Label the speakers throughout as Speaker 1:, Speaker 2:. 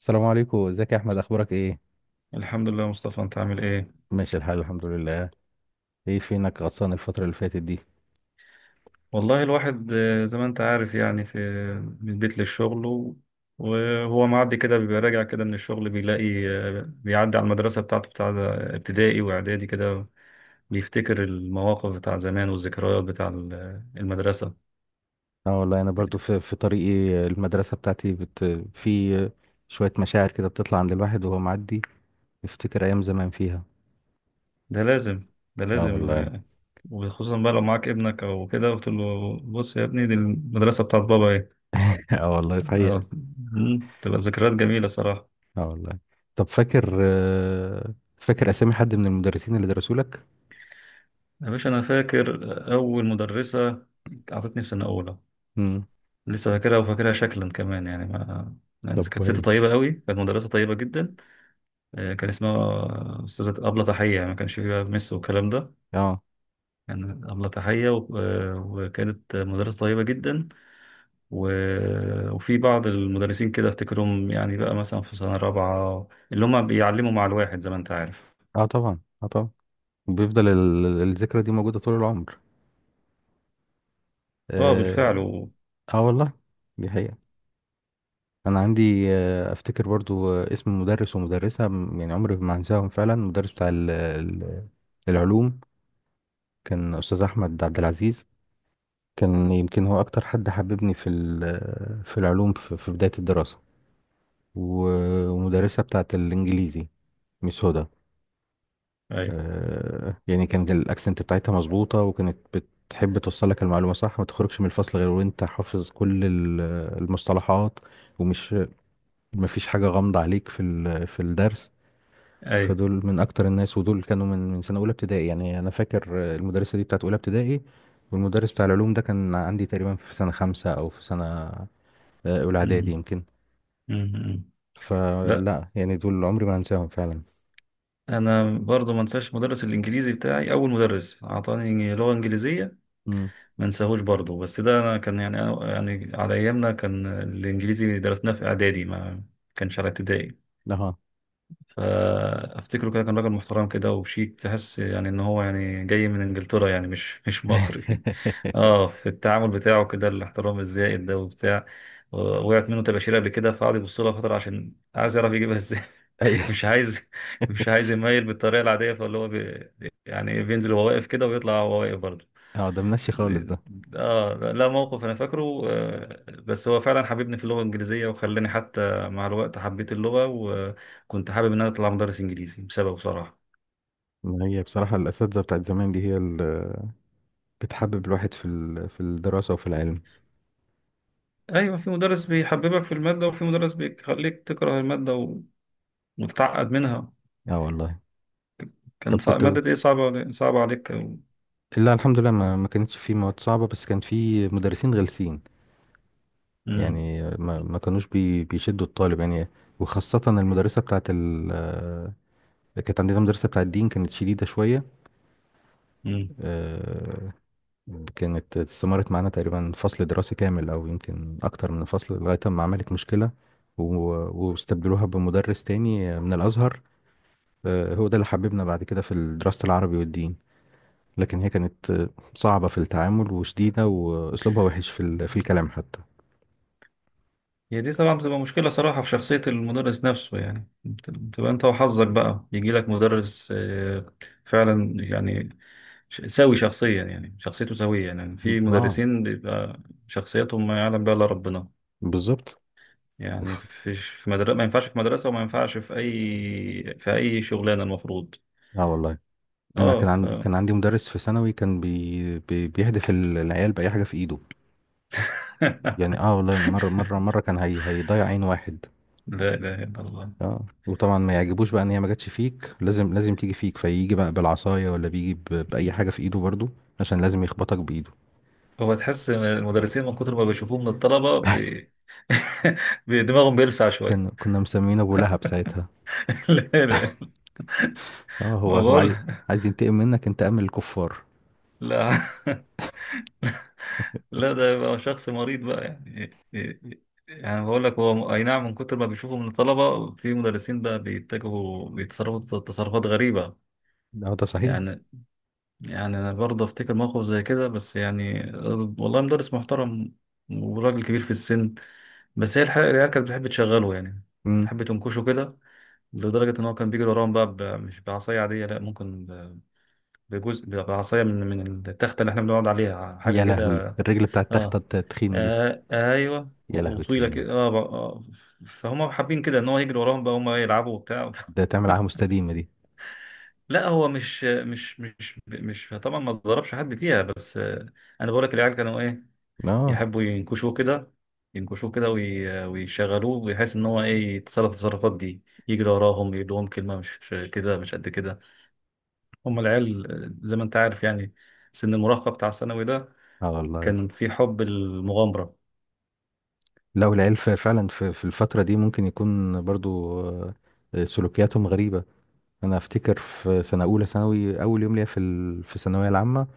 Speaker 1: السلام عليكم. ازيك يا احمد؟ اخبارك ايه؟
Speaker 2: الحمد لله يا مصطفى، انت عامل ايه؟
Speaker 1: ماشي الحال، الحمد لله. ايه فينك غطسان الفتره اللي فاتت دي؟
Speaker 2: والله الواحد زي ما انت عارف، يعني في من البيت للشغل، وهو معدي كده بيبقى راجع كده من الشغل، بيلاقي بيعدي على المدرسة بتاعته، بتاع ابتدائي واعدادي كده، بيفتكر المواقف بتاع زمان والذكريات بتاع المدرسة.
Speaker 1: اه والله، انا برضو في طريقي. المدرسه بتاعتي بت في شويه مشاعر كده بتطلع عند الواحد وهو معدي، يفتكر ايام زمان فيها.
Speaker 2: ده لازم، ده
Speaker 1: اه
Speaker 2: لازم
Speaker 1: والله.
Speaker 2: وخصوصا بقى لو معاك ابنك او كده، قلت له بص يا ابني، دي المدرسة بتاعت بابا ايه.
Speaker 1: اه والله، صحيح.
Speaker 2: آه، تبقى ذكريات جميلة صراحة.
Speaker 1: اه والله. طب فاكر، اسامي حد من المدرسين اللي درسوا لك؟
Speaker 2: يا باشا، أنا فاكر أول مدرسة أعطتني في سنة أولى،
Speaker 1: امم
Speaker 2: لسه فاكرها وفاكرها شكلا كمان، يعني ما يعني
Speaker 1: طب
Speaker 2: كانت ست طيبة
Speaker 1: كويس.
Speaker 2: قوي، كانت مدرسة طيبة جدا. كان اسمها أستاذة أبلة تحية، يعني ما كانش فيها مس والكلام ده.
Speaker 1: اه،
Speaker 2: كان أبلة تحية، وكانت مدرسة طيبة جدا. وفي بعض المدرسين كده أفتكرهم، يعني بقى مثلا في سنة رابعة، اللي هم بيعلموا مع الواحد زي ما أنت عارف.
Speaker 1: اه طبعا، اه طبعا. بيفضل الذكرى دي موجوده طول العمر.
Speaker 2: أه
Speaker 1: اه،
Speaker 2: بالفعل.
Speaker 1: آه والله، دي حقيقة. انا عندي، افتكر برضو، اسم مدرس ومدرسه يعني عمري ما هنساهم فعلا. مدرس بتاع العلوم، كان استاذ احمد عبد العزيز. كان يمكن هو اكتر حد حببني في العلوم في بدايه الدراسه. ومدرسه بتاعه الانجليزي، ميس هدى.
Speaker 2: أيوه،
Speaker 1: يعني كانت الاكسنت بتاعتها مظبوطه، وكانت بتحب توصل لك المعلومه صح، ما تخرجش من الفصل غير وانت حافظ كل المصطلحات. ومش مفيش حاجه غامضه عليك في الدرس.
Speaker 2: أيوه.
Speaker 1: فدول من اكتر الناس، ودول كانوا من سنه اولى ابتدائي. يعني انا فاكر، المدرسه دي بتاعت اولى ابتدائي، والمدرس بتاع العلوم ده كان عندي تقريبا في سنه خمسة او في سنه، اولى اعدادي
Speaker 2: أمم،
Speaker 1: يمكن.
Speaker 2: أمم، أمم. لا،
Speaker 1: فلا، يعني دول عمري ما هنساهم فعلا.
Speaker 2: انا برضو ما انساش مدرس الانجليزي بتاعي، اول مدرس اعطاني لغه انجليزيه،
Speaker 1: امم،
Speaker 2: ما انساهوش برضو، بس ده انا كان يعني، يعني على ايامنا كان الانجليزي درسناه في اعدادي، ما كانش على ابتدائي.
Speaker 1: اه.
Speaker 2: فافتكره كده، كان راجل محترم كده وشيك، تحس يعني ان هو يعني جاي من انجلترا، يعني مش مصري. اه، في التعامل بتاعه كده الاحترام الزائد ده وبتاع. وقعت منه تباشير قبل كده، فقعد يبص لها فتره عشان عايز يعرف يجيبها،
Speaker 1: ايوه،
Speaker 2: مش عايز مش عايز يميل بالطريقه العاديه، فاللي هو يعني إيه، بينزل وهو واقف كده ويطلع وهو واقف برضه.
Speaker 1: اه، ده منشي خالص
Speaker 2: دي-
Speaker 1: ده.
Speaker 2: اه، لا، موقف انا فاكره بس هو فعلا حببني في اللغه الانجليزيه، وخلاني حتى مع الوقت حبيت اللغه، وكنت حابب ان انا اطلع مدرس انجليزي بسببه بصراحه.
Speaker 1: ما هي بصراحه الاساتذه بتاعت زمان دي هي اللي بتحبب الواحد في الدراسه وفي العلم.
Speaker 2: ايوه، في مدرس بيحببك في الماده، وفي مدرس بيخليك تكره الماده وتتعقد منها.
Speaker 1: اه والله.
Speaker 2: كان
Speaker 1: طب
Speaker 2: صعب،
Speaker 1: كنت
Speaker 2: ماده ايه صعبه علي- صعبه عليك أو...
Speaker 1: لا، الحمد لله، ما كانتش في مواد صعبه، بس كان في مدرسين غلسين. يعني ما كانوش بيشدوا الطالب يعني. وخاصة المدرسة بتاعت ال آه، كانت عندنا مدرسة بتاعت الدين، كانت شديدة شوية.
Speaker 2: مم.
Speaker 1: آه، كانت استمرت معانا تقريبا فصل دراسي كامل، أو يمكن أكتر من فصل، لغاية ما عملت مشكلة. واستبدلوها بمدرس تاني من الأزهر. هو ده اللي حببنا بعد كده في دراسة العربي والدين. لكن هي كانت، صعبة في التعامل وشديدة، وأسلوبها وحش في الكلام حتى.
Speaker 2: هي دي طبعا بتبقى مشكلة صراحة في شخصية المدرس نفسه، يعني بتبقى انت وحظك بقى، يجي لك مدرس فعلا، يعني سوي شخصيا، يعني شخصيته سوية. يعني في
Speaker 1: اه،
Speaker 2: مدرسين بيبقى شخصيتهم ما يعلم بها الا ربنا.
Speaker 1: بالظبط.
Speaker 2: يعني في مدرسة ما ينفعش، في مدرسة وما ينفعش في اي شغلانة المفروض.
Speaker 1: اه والله. انا
Speaker 2: اه
Speaker 1: كان عندي مدرس في ثانوي، كان بيهدف العيال باي حاجه في ايده. يعني اه والله، مره مره مره كان هيضيع عين واحد.
Speaker 2: لا اله الا الله.
Speaker 1: اه، وطبعا ما يعجبوش بقى ان هي ما جاتش فيك، لازم لازم تيجي فيك، فيجي بقى بالعصايه، ولا بيجي باي حاجه في ايده برضو، عشان لازم يخبطك بايده.
Speaker 2: هو تحس إن المدرسين من كتر ما بيشوفوه من الطلبة. دماغهم بيلسع شوية.
Speaker 1: كان كنا مسمينه ابو لهب ساعتها.
Speaker 2: لا، لا،
Speaker 1: اه، هو
Speaker 2: ما
Speaker 1: هو
Speaker 2: بقول
Speaker 1: عايز ينتقم منك انتقام الكفار.
Speaker 2: لا. لا، ده يبقى شخص مريض بقى يعني. يعني بقول لك، هو اي نعم، من كتر ما بيشوفوا من الطلبه، في مدرسين بقى بيتصرفوا تصرفات غريبه.
Speaker 1: اه، ده صحيح.
Speaker 2: يعني يعني انا برضه افتكر موقف زي كده، بس يعني والله مدرس محترم وراجل كبير في السن، بس هي الحقيقه العيال كانت بتحب تشغله يعني،
Speaker 1: امم
Speaker 2: تحب تنكشه كده، لدرجه ان هو كان بيجري وراهم بقى، مش بعصايه عاديه، لا، ممكن بجزء بعصايه من التخته اللي احنا بنقعد عليها، حاجه
Speaker 1: يا لهوي،
Speaker 2: كده.
Speaker 1: الرجل بتاع التخته
Speaker 2: اه.
Speaker 1: التخينه دي؟
Speaker 2: آه، ايوه،
Speaker 1: يا
Speaker 2: وطويله
Speaker 1: لهوتين،
Speaker 2: كده آه فهم حابين كده ان هو يجري وراهم، بقى هم يلعبوا وبتاع.
Speaker 1: ده تعمل عليها مستديمه دي.
Speaker 2: لا، هو مش طبعا ما ضربش حد فيها، بس انا بقول لك العيال كانوا ايه،
Speaker 1: اه،
Speaker 2: يحبوا ينكشوه كده، ينكشوه كده ويشغلوه بحيث ان هو ايه يتصرف التصرفات دي، يجري وراهم يدوهم كلمه، مش كده، مش قد كده. هم العيال زي ما انت عارف يعني، سن المراهقه بتاع الثانوي ده،
Speaker 1: اه والله.
Speaker 2: كان في حب المغامره.
Speaker 1: لا، والعيال فعلا في الفترة دي ممكن يكون برضو، سلوكياتهم غريبة. أنا أفتكر في سنة أولى ثانوي، أول يوم ليا في الثانوية العامة،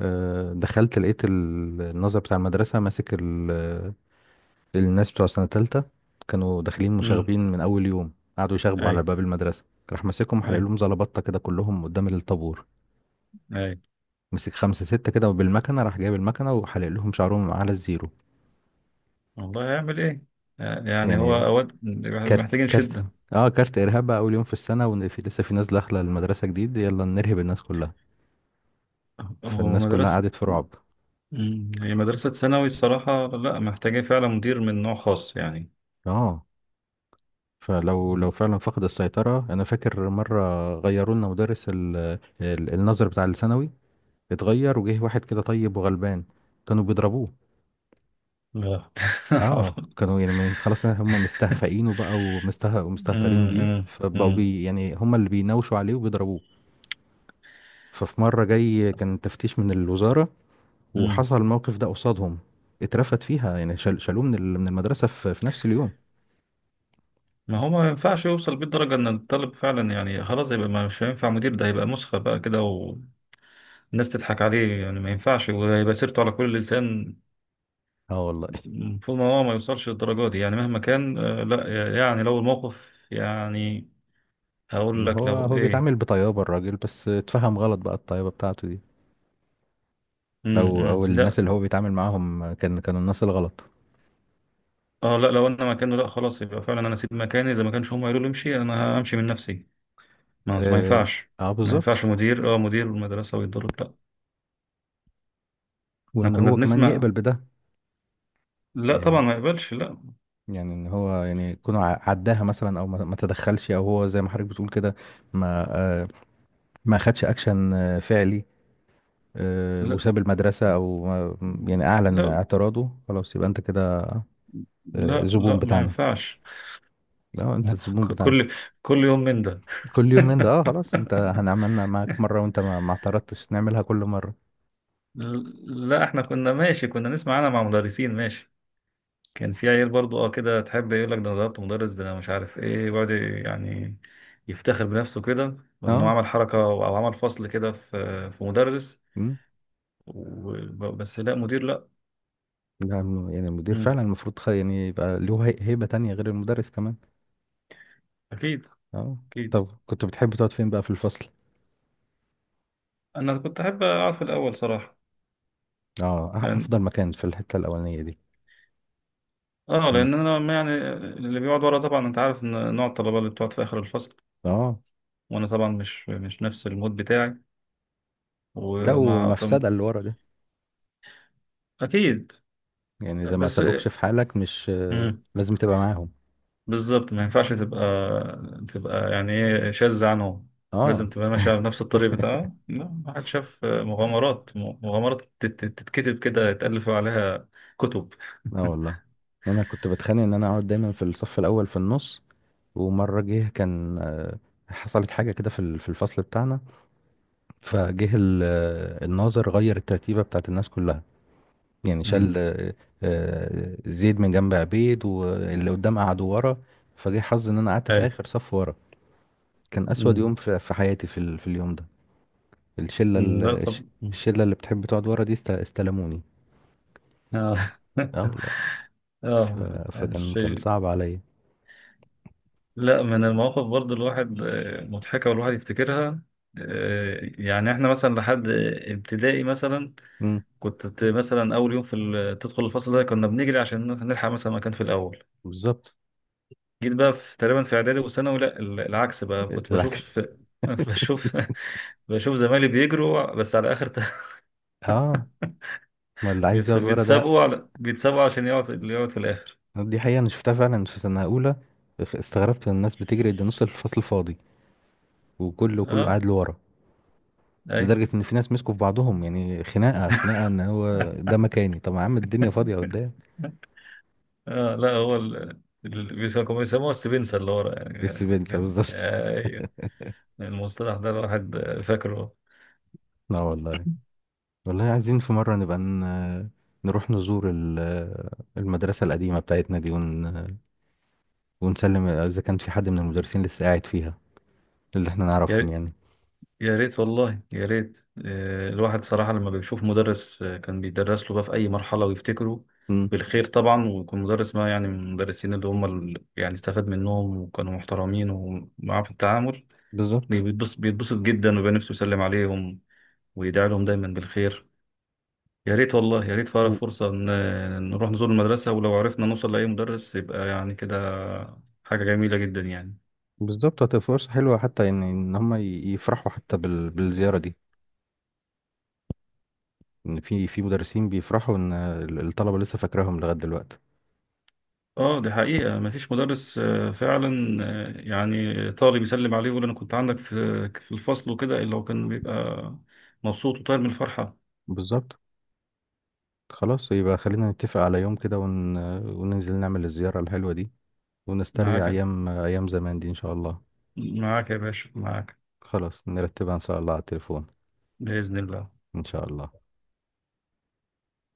Speaker 1: دخلت لقيت الناظر بتاع المدرسة ماسك، الناس بتوع سنة تالتة، كانوا داخلين
Speaker 2: امم.
Speaker 1: مشاغبين من أول يوم، قعدوا يشاغبوا
Speaker 2: اي.
Speaker 1: على باب المدرسة. راح ماسكهم، حلق لهم زلبطة كده كلهم قدام الطابور.
Speaker 2: اي
Speaker 1: مسك خمسة ستة كده، وبالمكنة، راح جايب المكنة وحلق لهم شعرهم على الزيرو.
Speaker 2: والله، هيعمل ايه؟ يعني هو
Speaker 1: يعني
Speaker 2: اوقات
Speaker 1: كارت،
Speaker 2: محتاجين
Speaker 1: كارت،
Speaker 2: شدة.
Speaker 1: اه كارت ارهاب بقى. اول يوم في السنه، وفي لسه في ناس داخله المدرسه جديد، يلا نرهب الناس كلها.
Speaker 2: هو
Speaker 1: فالناس كلها
Speaker 2: مدرسة
Speaker 1: قعدت في رعب.
Speaker 2: مم. هي مدرسة ثانوي الصراحة، لا، محتاجين فعلا مدير من نوع خاص يعني.
Speaker 1: اه، فلو لو فعلا فقد السيطره. انا فاكر مره غيروا لنا مدرس النظر بتاع الثانوي، اتغير، وجه واحد كده طيب وغلبان، كانوا بيضربوه.
Speaker 2: لا.
Speaker 1: اه،
Speaker 2: حول.
Speaker 1: كانوا يعني، من خلاص هم مستهفئينه بقى ومستهترين
Speaker 2: مم،
Speaker 1: بيه،
Speaker 2: مم،
Speaker 1: فبقوا
Speaker 2: مم،
Speaker 1: يعني هم اللي بيناوشوا عليه وبيضربوه. ففي مره جاي كان تفتيش من الوزاره،
Speaker 2: مم.
Speaker 1: وحصل الموقف ده قصادهم، اترفد فيها، يعني شالوه من المدرسة في في نفس اليوم.
Speaker 2: ما هو ما ينفعش يوصل بيه الدرجة ان الطالب فعلا، يعني خلاص يبقى مش هينفع مدير، ده هيبقى مسخة بقى كده، والناس تضحك عليه يعني، ما ينفعش، وهيبقى سيرته على كل لسان.
Speaker 1: اه والله.
Speaker 2: المفروض ان هو ما يوصلش للدرجة دي، يعني مهما كان لا، يعني لو الموقف، يعني هقول
Speaker 1: ما
Speaker 2: لك
Speaker 1: هو
Speaker 2: لو
Speaker 1: هو
Speaker 2: ايه.
Speaker 1: بيتعامل بطيابة الراجل، بس اتفهم غلط بقى الطيابة بتاعته دي، او
Speaker 2: إمم.
Speaker 1: او الناس
Speaker 2: لا.
Speaker 1: اللي هو بيتعامل معاهم كانوا الناس الغلط.
Speaker 2: اه، لا، لو انا مكانه، لا، خلاص يبقى فعلا انا اسيب مكاني، اذا ما كانش هم قالوا لي امشي، انا همشي من نفسي. ما
Speaker 1: اه،
Speaker 2: ينفعش.
Speaker 1: آه
Speaker 2: ما ينفعش
Speaker 1: بالظبط.
Speaker 2: مدير، اه، مدير المدرسه ويتضرب، لا. احنا
Speaker 1: وان
Speaker 2: كنا
Speaker 1: هو كمان
Speaker 2: بنسمع.
Speaker 1: يقبل بده.
Speaker 2: لا طبعا
Speaker 1: يعني
Speaker 2: ما يقبلش، لا،
Speaker 1: يعني ان هو يعني يكون عداها مثلا، او ما تدخلش، او هو زي ما حضرتك بتقول كده، ما آه ما خدش اكشن، فعلي،
Speaker 2: لا،
Speaker 1: وساب المدرسة، او ما- يعني اعلن
Speaker 2: لا،
Speaker 1: اعتراضه. خلاص، يبقى انت كده،
Speaker 2: لا،
Speaker 1: زبون
Speaker 2: لا، ما
Speaker 1: بتاعنا.
Speaker 2: ينفعش.
Speaker 1: اه، انت الزبون بتاعنا
Speaker 2: كل، كل يوم من ده.
Speaker 1: كل يوم من ده. اه، خلاص، انت هنعملنا معاك مرة وانت ما اعترضتش، نعملها كل مرة.
Speaker 2: لا، احنا كنا ماشي، كنا نسمع، انا مع مدرسين ماشي، كان في عيال برضو، اه كده تحب يقول لك ده انا ضربت مدرس، ده انا مش عارف ايه، ويقعد يعني يفتخر بنفسه كده، انه
Speaker 1: اه.
Speaker 2: عمل حركه او عمل فصل كده في مدرس،
Speaker 1: مم.
Speaker 2: بس لا مدير لا.
Speaker 1: لا، يعني المدير
Speaker 2: مم.
Speaker 1: فعلا المفروض، يعني يبقى له، هيبة تانية غير المدرس كمان.
Speaker 2: اكيد،
Speaker 1: اه.
Speaker 2: اكيد.
Speaker 1: طب كنت بتحب تقعد فين بقى في الفصل؟
Speaker 2: انا كنت احب اقعد في الاول صراحه،
Speaker 1: اه،
Speaker 2: لأن،
Speaker 1: افضل مكان في الحتة الاولانية دي.
Speaker 2: اه،
Speaker 1: لما ت-
Speaker 2: لان انا، ما يعني، اللي بيقعد ورا طبعا انت عارف ان نوع الطلبه اللي بتقعد في اخر الفصل،
Speaker 1: اه،
Speaker 2: وانا طبعا مش نفس المود بتاعي،
Speaker 1: لا،
Speaker 2: وما طب.
Speaker 1: ومفسدة اللي ورا ده.
Speaker 2: اكيد.
Speaker 1: يعني اذا ما
Speaker 2: بس.
Speaker 1: سابوكش في حالك، مش
Speaker 2: مم.
Speaker 1: لازم تبقى معاهم.
Speaker 2: بالظبط، ما ينفعش تبقى، تبقى يعني ايه شاذة عنهم،
Speaker 1: اه.
Speaker 2: لازم تبقى ماشية بنفس الطريق بتاعها. لا، ما حد شاف مغامرات تتكتب كده يتألف عليها كتب.
Speaker 1: لا والله، انا كنت بتخانق ان انا اقعد دايما في الصف الاول في النص. ومرة جه كان، حصلت حاجة كده في الفصل بتاعنا. فجه، الناظر، غير الترتيبة بتاعت الناس كلها. يعني شال،
Speaker 2: امم.
Speaker 1: زيد من جنب عبيد، واللي قدام قعد ورا. فجه حظي ان انا قعدت في
Speaker 2: اي.
Speaker 1: اخر صف ورا. كان اسود
Speaker 2: امم.
Speaker 1: يوم في حياتي في اليوم ده. الشلة،
Speaker 2: أمم. لا، طب. أمم.
Speaker 1: اللي بتحب تقعد ورا دي استلموني.
Speaker 2: اه.
Speaker 1: اه والله.
Speaker 2: اه،
Speaker 1: ف- فكان
Speaker 2: الشيء.
Speaker 1: صعب عليا.
Speaker 2: لا، من المواقف برضو الواحد مضحكة، والواحد يفتكرها. يعني احنا مثلا لحد ابتدائي مثلا،
Speaker 1: مم،
Speaker 2: كنت مثلا اول يوم في تدخل الفصل ده، كنا بنجري عشان نلحق مثلا مكان في الاول.
Speaker 1: بالظبط.
Speaker 2: جيت بقى في تقريبا في اعدادي وثانوي، لا، العكس بقى، كنت بشوف
Speaker 1: العكس.
Speaker 2: في. بشوف بشوف زمايلي بيجروا بس على اخر.
Speaker 1: اه، ما اللي عايز يقعد ورا ده.
Speaker 2: بيتسابقوا عشان يقعد اللي يقعد في الاخر.
Speaker 1: دي حقيقة، أنا شفتها فعلا في سنة أولى. استغربت إن الناس بتجري قد نص الفصل فاضي، وكله كله
Speaker 2: اه،
Speaker 1: قاعد لورا.
Speaker 2: اي.
Speaker 1: لدرجة إن في ناس مسكوا في بعضهم، يعني خناقة، خناقة إن هو ده مكاني. طب يا عم الدنيا فاضية قدام.
Speaker 2: اه، لا، هو بيسموها السبنسة اللي ورا، يعني
Speaker 1: إيه
Speaker 2: يعني
Speaker 1: السبنسر
Speaker 2: كان
Speaker 1: بالظبط.
Speaker 2: ايوه، المصطلح ده الواحد فاكره،
Speaker 1: لا والله. والله عايزين في مرة نبقى، نروح نزور المدرسة القديمة بتاعتنا دي، ونسلم إذا كان في حد من المدرسين لسه قاعد فيها، اللي إحنا نعرفهم
Speaker 2: يعني.
Speaker 1: يعني.
Speaker 2: يا ريت، والله يا ريت الواحد صراحة لما بيشوف مدرس كان بيدرس له بقى في أي مرحلة، ويفتكره
Speaker 1: مم.
Speaker 2: بالخير طبعا، ويكون مدرس، ما يعني، من المدرسين اللي هم يعني استفاد منهم وكانوا محترمين ومعاه في التعامل،
Speaker 1: بالظبط.
Speaker 2: بيتبسط جدا، ويبقى نفسه يسلم عليهم، ويدعي لهم دايما بالخير. يا ريت والله يا ريت فارق فرصة نروح نزور المدرسة، ولو عرفنا نوصل لأي مدرس يبقى يعني كده حاجة جميلة جدا يعني.
Speaker 1: بالظبط، هتبقى فرصة حلوة، حتى ان هم يفرحوا حتى بالزيارة دي. ان في مدرسين بيفرحوا ان الطلبة لسه فاكراهم لغاية دلوقتي.
Speaker 2: اه، دي حقيقة، مفيش مدرس فعلا يعني طالب يسلم عليه يقول انا كنت عندك في الفصل وكده، الا هو كان بيبقى مبسوط وطاير من الفرحة.
Speaker 1: بالظبط. خلاص، يبقى خلينا نتفق على يوم كده، وننزل نعمل الزيارة الحلوة دي، ونسترجع
Speaker 2: معاك،
Speaker 1: ايام، ايام زمان دي ان شاء الله.
Speaker 2: معاك يا باشا، معاك.
Speaker 1: خلاص، نرتبها ان شاء الله على التليفون.
Speaker 2: بإذن الله.
Speaker 1: ان شاء الله.